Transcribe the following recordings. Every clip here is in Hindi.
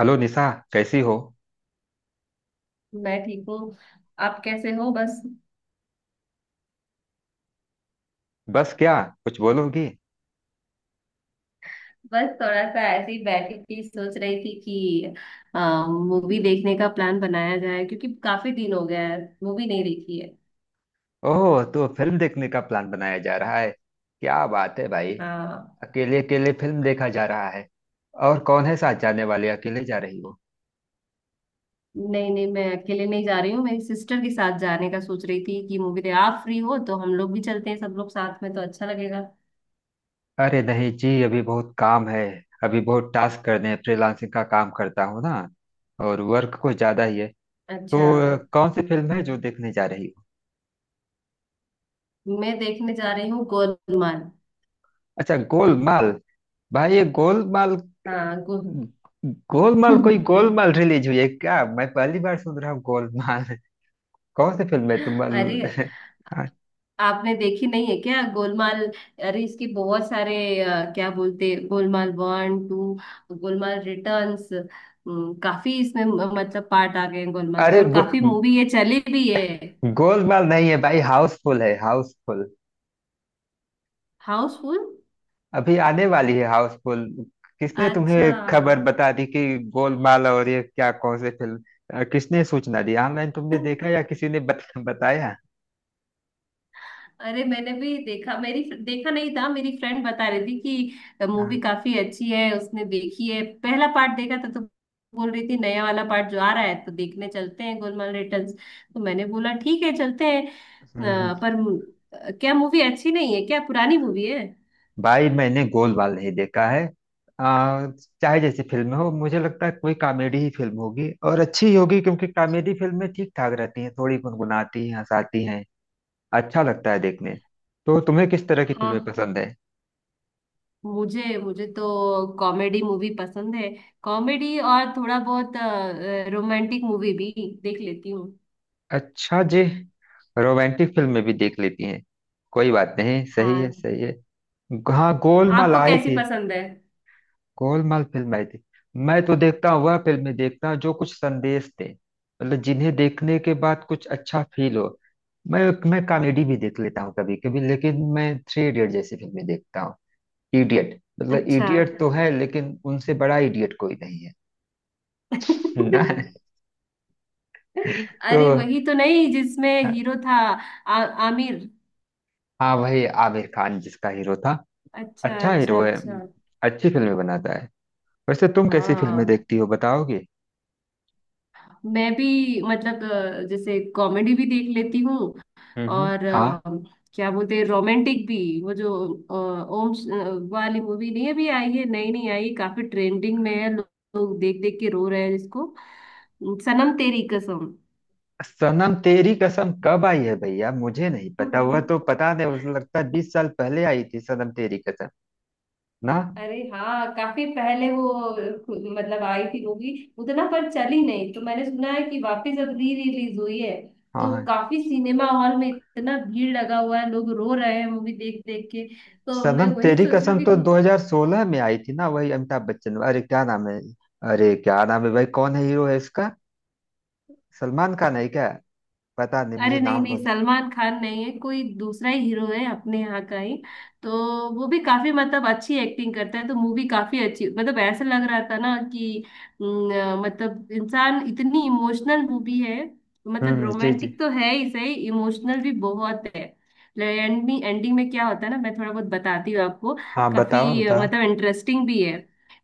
हेलो निशा। कैसी हो? मैं ठीक हूँ। आप कैसे हो? बस। बस क्या? कुछ बोलोगी? बस थोड़ा सा ऐसे ही बैठी थी, सोच रही थी कि मूवी देखने का प्लान बनाया जाए क्योंकि काफी दिन हो गया है मूवी नहीं देखी है। ओह, तो फिल्म देखने का प्लान बनाया जा रहा है। क्या बात है भाई। हाँ। अकेले अकेले फिल्म देखा जा रहा है? और कौन है साथ जाने वाले? अकेले जा रही हो? नहीं नहीं मैं अकेले नहीं जा रही हूँ, मेरी सिस्टर के साथ जाने का सोच रही थी कि मूवी दे आप फ्री हो तो हम लोग भी चलते हैं, सब लोग साथ में तो अच्छा लगेगा। अरे नहीं जी, अभी बहुत काम है। अभी बहुत टास्क करने हैं। फ्रीलांसिंग का काम करता हूँ ना। और वर्क कुछ ज्यादा ही है। अच्छा। तो कौन सी फिल्म है जो देखने जा रही हो? मैं देखने जा रही हूँ गोलमाल। अच्छा, गोलमाल। भाई, ये गोलमाल। हाँ गो गोलमाल? कोई गोलमाल रिलीज हुई है क्या? मैं पहली बार सुन रहा हूँ गोलमाल। कौन सी फिल्म है तुम? अरे हाँ। आपने देखी नहीं है क्या गोलमाल? अरे इसकी बहुत सारे क्या बोलते Golmaal one two, Golmaal returns. काफी इसमें मतलब पार्ट आ गए हैं गोलमाल के अरे और काफी मूवी ये चली भी है। गोलमाल नहीं है भाई, हाउसफुल है, हाउसफुल। हाउसफुल। अभी आने वाली है हाउसफुल। किसने तुम्हें अच्छा। खबर बता दी कि गोलमाल, और ये क्या, कौन सी फिल्म? किसने सूचना दी? ऑनलाइन तुमने देखा या किसी ने बताया? अरे मैंने भी देखा, मेरी देखा नहीं था, मेरी फ्रेंड बता रही थी कि मूवी हाँ। काफी अच्छी है, उसने देखी है पहला पार्ट देखा था, तो बोल रही थी नया वाला पार्ट जो आ रहा है तो देखने चलते हैं गोलमाल रिटर्न्स। तो मैंने बोला ठीक है चलते हैं, हम्म, पर क्या मूवी अच्छी नहीं है क्या? पुरानी मूवी है? भाई मैंने गोलमाल नहीं देखा है। आ, चाहे जैसी फिल्म हो, मुझे लगता है कोई कॉमेडी ही फिल्म होगी और अच्छी ही होगी, क्योंकि कॉमेडी फिल्में ठीक ठाक रहती हैं, थोड़ी गुनगुनाती हैं, हंसाती हैं। अच्छा लगता है देखने। तो तुम्हें किस तरह की हाँ। फिल्में पसंद है? मुझे मुझे तो कॉमेडी मूवी पसंद है। कॉमेडी और थोड़ा बहुत रोमांटिक मूवी भी देख लेती हूँ। अच्छा जी। रोमांटिक फिल्में भी देख लेती हैं। कोई बात नहीं, सही हाँ। है, सही है। हाँ, गोलमाल आपको आई कैसी थी। पसंद है? गोलमाल फिल्म आई थी। मैं तो देखता हूँ, वह फिल्में देखता हूँ जो कुछ संदेश दे। मतलब जिन्हें देखने के बाद कुछ अच्छा फील हो। मैं मैं कॉमेडी भी देख लेता हूँ कभी कभी, लेकिन मैं थ्री इडियट जैसी फिल्में देखता हूँ। इडियट मतलब अच्छा। इडियट तो है, लेकिन उनसे बड़ा इडियट कोई नहीं है ना। अरे तो वही तो नहीं जिसमें हीरो था? आ, आमिर। हाँ, वही आमिर खान जिसका हीरो था। अच्छा अच्छा अच्छा हीरो है। अच्छा। अच्छी फिल्में बनाता है। वैसे तुम कैसी फिल्में हाँ। देखती हो बताओगे? मैं भी, मतलब जैसे कॉमेडी भी देख लेती हूँ। हम्म, और हाँ। क्या बोलते हैं रोमांटिक भी। वो जो ओम वाली मूवी नहीं अभी आई है, नई नहीं आई, काफी ट्रेंडिंग में है, लोग देख देख के रो रहे हैं इसको। सनम तेरी कसम। सनम तेरी कसम कब आई है भैया? मुझे नहीं पता, वह तो पता नहीं, मुझे लगता है 20 साल पहले आई थी सनम तेरी कसम। ना। अरे हाँ काफी पहले वो मतलब आई थी मूवी, उतना पर चली नहीं, तो मैंने सुना है कि वापस अब री रिलीज हुई है, हाँ, तो हाँ। काफी सिनेमा हॉल में इतना भीड़ लगा हुआ है, लोग रो रहे हैं मूवी देख देख के। तो मैं सनम वही तेरी सोच कसम रही तो हूँ। 2016 में आई थी ना, वही अमिताभ बच्चन, अरे क्या नाम है? अरे क्या नाम है भाई, कौन है हीरो है इसका? सलमान खान है क्या? पता नहीं, अरे मुझे नहीं नाम नहीं भूल। सलमान खान नहीं है, कोई दूसरा ही हीरो है अपने यहाँ का ही। तो वो भी काफी मतलब अच्छी एक्टिंग करता है, तो मूवी काफी अच्छी, मतलब ऐसा लग रहा था ना कि न, मतलब इंसान इतनी इमोशनल मूवी है। मतलब हम्म, जी जी। रोमांटिक तो है ही, सही, इमोशनल भी बहुत है। एंडिंग एंडिंग में क्या होता है ना मैं थोड़ा बहुत बताती हूँ आपको। हाँ, बताओ काफी बताओ। मतलब इंटरेस्टिंग भी है।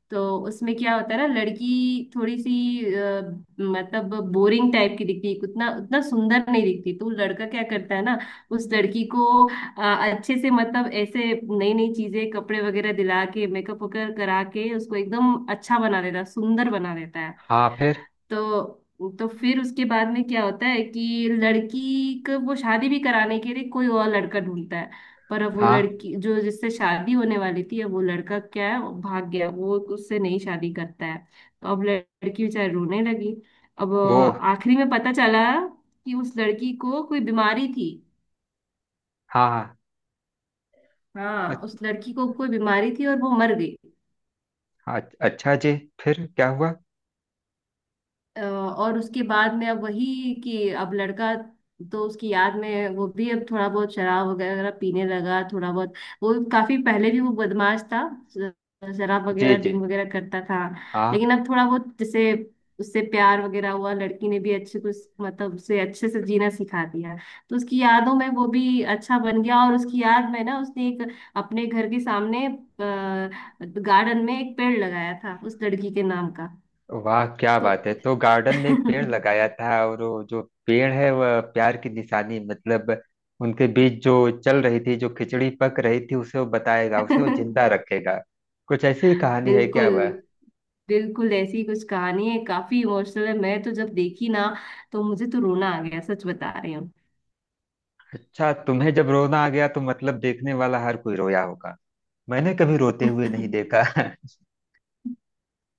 तो उसमें क्या होता है ना, लड़की थोड़ी सी अ, मतलब बोरिंग टाइप की दिखती है, उतना उतना सुंदर नहीं दिखती, तो लड़का क्या करता है ना, उस लड़की को अच्छे से, मतलब ऐसे नई नई चीजें कपड़े वगैरह दिला के, मेकअप वगैरह करा के उसको एकदम अच्छा बना देता है, सुंदर बना देता है। हाँ, फिर? तो फिर उसके बाद में क्या होता है कि लड़की को वो शादी भी कराने के लिए कोई और लड़का ढूंढता है। पर अब वो हाँ, लड़की जो जिससे शादी होने वाली थी, अब वो लड़का क्या है, वो भाग गया, वो उससे नहीं शादी करता है। तो अब लड़की बेचारी रोने लगी। अब वो। आखिरी में पता चला कि उस लड़की को कोई बीमारी थी। हाँ हाँ। हाँ उस अच्छ- लड़की को कोई बीमारी थी और वो मर गई। हाँ, अच्छा जी। फिर क्या हुआ? और उसके बाद में अब वही कि अब लड़का, तो उसकी याद में वो भी अब थोड़ा बहुत शराब वगैरह पीने लगा थोड़ा बहुत। वो काफी पहले भी वो बदमाश था, ज- शराब जी वगैरह जी। ड्रिंक वगैरह करता था। हाँ, लेकिन अब थोड़ा बहुत जैसे उससे प्यार वगैरह हुआ, लड़की ने भी अच्छे कुछ मतलब उसे अच्छे से जीना सिखा दिया। तो उसकी यादों में वो भी अच्छा बन गया, और उसकी याद में ना उसने एक अपने घर के सामने गार्डन में एक पेड़ लगाया था उस लड़की के नाम का। वाह क्या तो बात है। तो गार्डन में एक पेड़ लगाया था, और वो जो पेड़ है वह प्यार की निशानी, मतलब उनके बीच जो चल रही थी, जो खिचड़ी पक रही थी, उसे वो बताएगा, उसे वो जिंदा रखेगा। कुछ ऐसी ही कहानी है बिल्कुल। क्या वह? बिल्कुल ऐसी कुछ कहानी है, काफी इमोशनल है। मैं तो जब देखी ना तो मुझे तो रोना आ गया, सच बता रही हूँ। अच्छा, तुम्हें जब रोना आ गया, तो मतलब देखने वाला हर कोई रोया होगा। मैंने कभी रोते हुए नहीं देखा।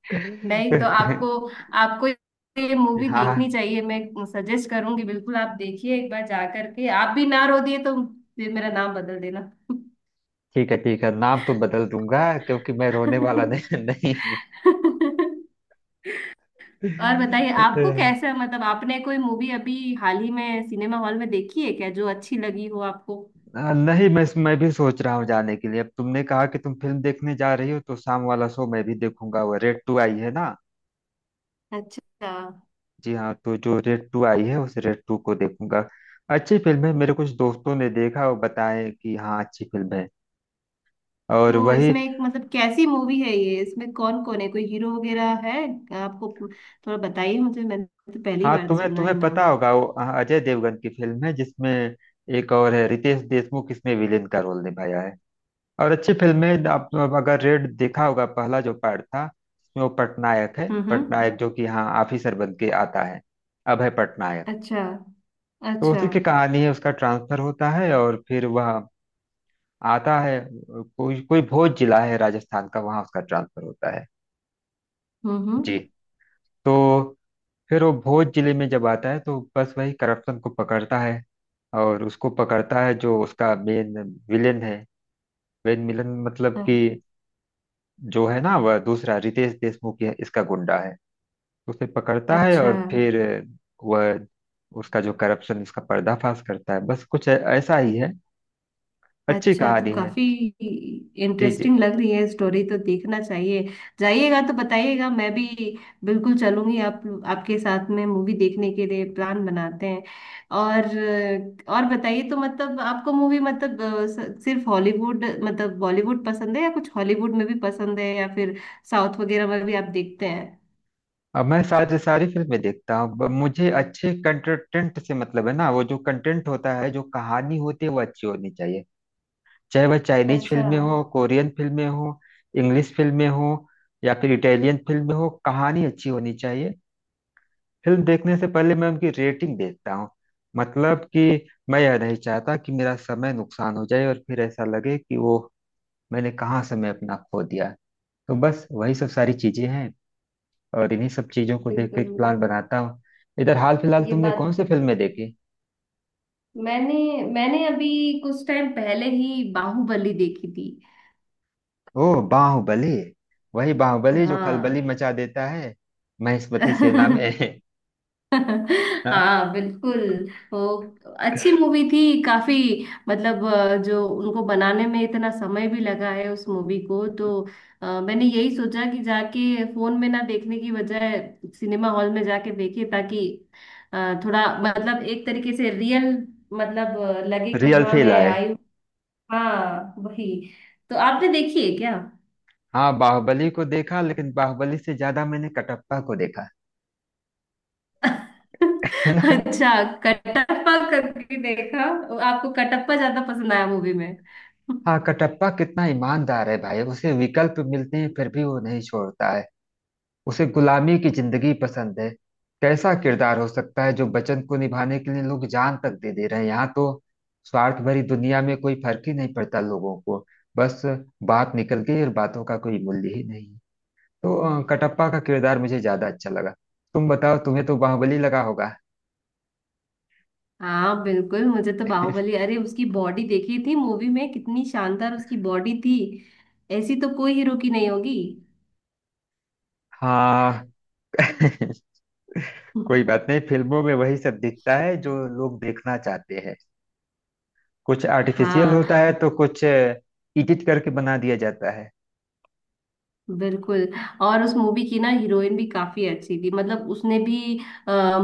नहीं, तो आपको, आपको ये मूवी हाँ, देखनी चाहिए, मैं सजेस्ट करूंगी बिल्कुल। आप देखिए एक बार जा करके, आप भी ना रो दिए तो फिर मेरा नाम बदल देना। ठीक है ठीक है, नाम तो बदल दूंगा, क्योंकि मैं रोने वाला नहीं, नहीं और बताइए, आपको हूँ। कैसा मतलब आपने कोई मूवी अभी हाल ही में सिनेमा हॉल में देखी है क्या जो अच्छी लगी हो आपको? नहीं, मैं भी सोच रहा हूँ जाने के लिए। अब तुमने कहा कि तुम फिल्म देखने जा रही हो, तो शाम वाला शो मैं भी देखूंगा, वो रेड टू आई है ना। अच्छा। जी हाँ, तो जो रेड टू आई है उस रेड टू को देखूंगा। अच्छी फिल्म है, मेरे कुछ दोस्तों ने देखा और बताए कि हाँ अच्छी फिल्म है। और तो वही, इसमें एक मतलब कैसी मूवी है ये? इसमें कौन कौन है? कोई हीरो वगैरह है? आपको थोड़ा बताइए मुझे, मैंने तो पहली हाँ, बार तुम्हें सुना है तुम्हें नाम। पता होगा वो, हाँ, अजय देवगन की फिल्म है जिसमें एक और है रितेश देशमुख, इसमें विलेन का रोल निभाया है। और अच्छी फिल्म है। आप अगर रेड देखा होगा, पहला जो पार्ट था उसमें, वो पटनायक है, हम्म। पटनायक जो कि यहाँ ऑफिसर बन के आता है। अभय पटनायक। अच्छा तो अच्छा। उसी की कहानी है, उसका ट्रांसफर होता है और फिर वह आता है, कोई कोई भोज जिला है राजस्थान का, वहाँ उसका ट्रांसफर होता है। हम्म। जी। तो फिर वो भोज जिले में जब आता है, तो बस वही करप्शन को पकड़ता है। और उसको पकड़ता है जो उसका मेन विलेन है। मेन विलेन मतलब कि अ- जो है ना, वह दूसरा रितेश देशमुख है, इसका गुंडा है। उसे पकड़ता है, अच्छा। और हाँ, फिर वह उसका जो करप्शन उसका पर्दाफाश करता है, बस कुछ ऐसा ही है। अच्छी अच्छा, तो कहानी है। काफी जी जी। इंटरेस्टिंग लग रही है स्टोरी, तो देखना चाहिए। जाइएगा तो बताइएगा, मैं भी बिल्कुल चलूंगी आप, आपके साथ में मूवी देखने के लिए प्लान बनाते हैं। और और बताइए तो, मतलब आपको मूवी, मतलब सिर्फ हॉलीवुड मतलब बॉलीवुड पसंद है या कुछ हॉलीवुड में भी पसंद है, या फिर साउथ वगैरह में भी आप देखते हैं? अब मैं सारी सारी फिल्में देखता हूँ, मुझे अच्छे कंटेंट से मतलब है ना, वो जो कंटेंट होता है, जो कहानी होती है वो अच्छी होनी चाहिए। चाहे वह चाइनीज अच्छा। फिल्में हो, कोरियन फिल्में हो, इंग्लिश फिल्में हो, या फिर इटालियन फिल्में हो, कहानी अच्छी होनी चाहिए। फिल्म देखने से पहले मैं उनकी रेटिंग देखता हूँ। मतलब कि मैं यह नहीं चाहता कि मेरा समय नुकसान हो जाए और फिर ऐसा लगे कि वो, मैंने कहाँ समय अपना खो दिया। तो बस वही सब सारी चीजें हैं। और इन्हीं सब चीजों को देख के एक बिल्कुल प्लान बनाता हूँ। इधर हाल फिलहाल ये तुमने कौन बात। सी फिल्में देखी? मैंने मैंने अभी कुछ टाइम पहले ही बाहुबली देखी थी। ओ, बाहुबली। वही बाहुबली जो खलबली हाँ। मचा देता है महेशमती सेना में। हाँ। हाँ बिल्कुल। वो अच्छी मूवी थी काफी, मतलब जो उनको बनाने में इतना समय भी लगा है उस मूवी को, तो मैंने यही सोचा कि जाके फोन में ना देखने की बजाय सिनेमा हॉल में जाके देखे, ताकि थोड़ा मतलब एक तरीके से रियल, मतलब लगे कि रियल हाँ फील मैं आए। आई हूँ। हाँ वही। तो आपने देखी है क्या? हाँ, बाहुबली को देखा, लेकिन बाहुबली से ज्यादा मैंने कटप्पा को देखा। अच्छा, कटप्पा कभी देखा? आपको कटप्पा ज्यादा पसंद आया मूवी में? हाँ, कटप्पा कितना ईमानदार है भाई, उसे विकल्प मिलते हैं फिर भी वो नहीं छोड़ता है। उसे गुलामी की जिंदगी पसंद है। कैसा किरदार हो सकता है जो वचन को निभाने के लिए लोग जान तक दे दे रहे हैं, यहाँ तो स्वार्थ भरी दुनिया में कोई फर्क ही नहीं पड़ता लोगों को। बस, बात निकल गई और बातों का कोई मूल्य ही नहीं। तो कटप्पा का किरदार मुझे ज्यादा अच्छा लगा। तुम बताओ, तुम्हें तो बाहुबली लगा होगा। हाँ बिल्कुल, मुझे तो बाहुबली, अरे उसकी बॉडी देखी थी मूवी में कितनी शानदार उसकी बॉडी थी। ऐसी तो कोई हीरो की नहीं होगी। हाँ कोई बात नहीं, फिल्मों में वही सब दिखता है जो लोग देखना चाहते हैं। कुछ आर्टिफिशियल होता हाँ है, तो कुछ एडिट करके बना दिया जाता है। बिल्कुल। और उस मूवी की ना हीरोइन भी काफी अच्छी थी, मतलब उसने भी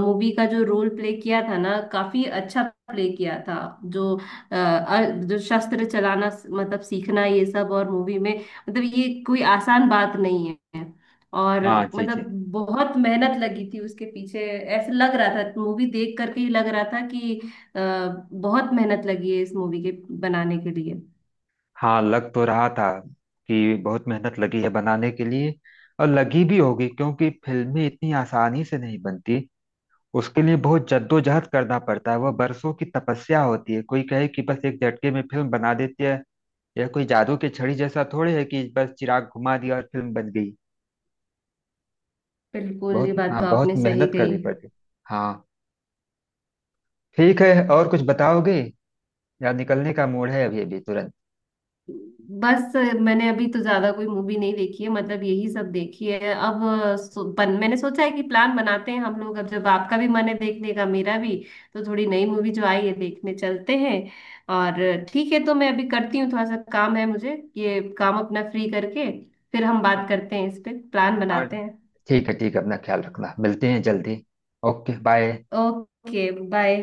मूवी का जो रोल प्ले किया था ना, काफी अच्छा प्ले किया था। जो अ, अ, जो शस्त्र चलाना, मतलब सीखना, ये सब और मूवी में, मतलब ये कोई आसान बात नहीं है। और हाँ, जी मतलब जी। बहुत मेहनत लगी थी उसके पीछे, ऐसे लग रहा था मूवी देख करके ही लग रहा था कि अ, बहुत मेहनत लगी है इस मूवी के बनाने के लिए। हाँ, लग तो रहा था कि बहुत मेहनत लगी है बनाने के लिए। और लगी भी होगी, क्योंकि फिल्में इतनी आसानी से नहीं बनती। उसके लिए बहुत जद्दोजहद करना पड़ता है, वह बरसों की तपस्या होती है। कोई कहे कि बस एक झटके में फिल्म बना देती है, यह कोई जादू की छड़ी जैसा थोड़ी है कि बस चिराग घुमा दिया और फिल्म बन गई। बिल्कुल ये बहुत, बात तो हाँ, बहुत आपने सही मेहनत कही। करनी पड़ती। हाँ। ठीक है, और कुछ बताओगे? यार, निकलने का मूड है अभी अभी, तुरंत। बस मैंने अभी तो ज्यादा कोई मूवी नहीं देखी है, मतलब यही सब देखी है। अब सो, मैंने सोचा है कि प्लान बनाते हैं हम लोग, अब जब आपका भी मन है देखने का मेरा भी, तो थोड़ी नई मूवी जो आई है देखने चलते हैं। और ठीक है, तो मैं अभी करती हूँ, थोड़ा सा काम है मुझे, ये काम अपना फ्री करके फिर हम हाँ बात करते हैं, इस पे प्लान हाँ, बनाते हैं। ठीक है ठीक है, अपना ख्याल रखना, मिलते हैं जल्दी। Okay bye. Okay bye.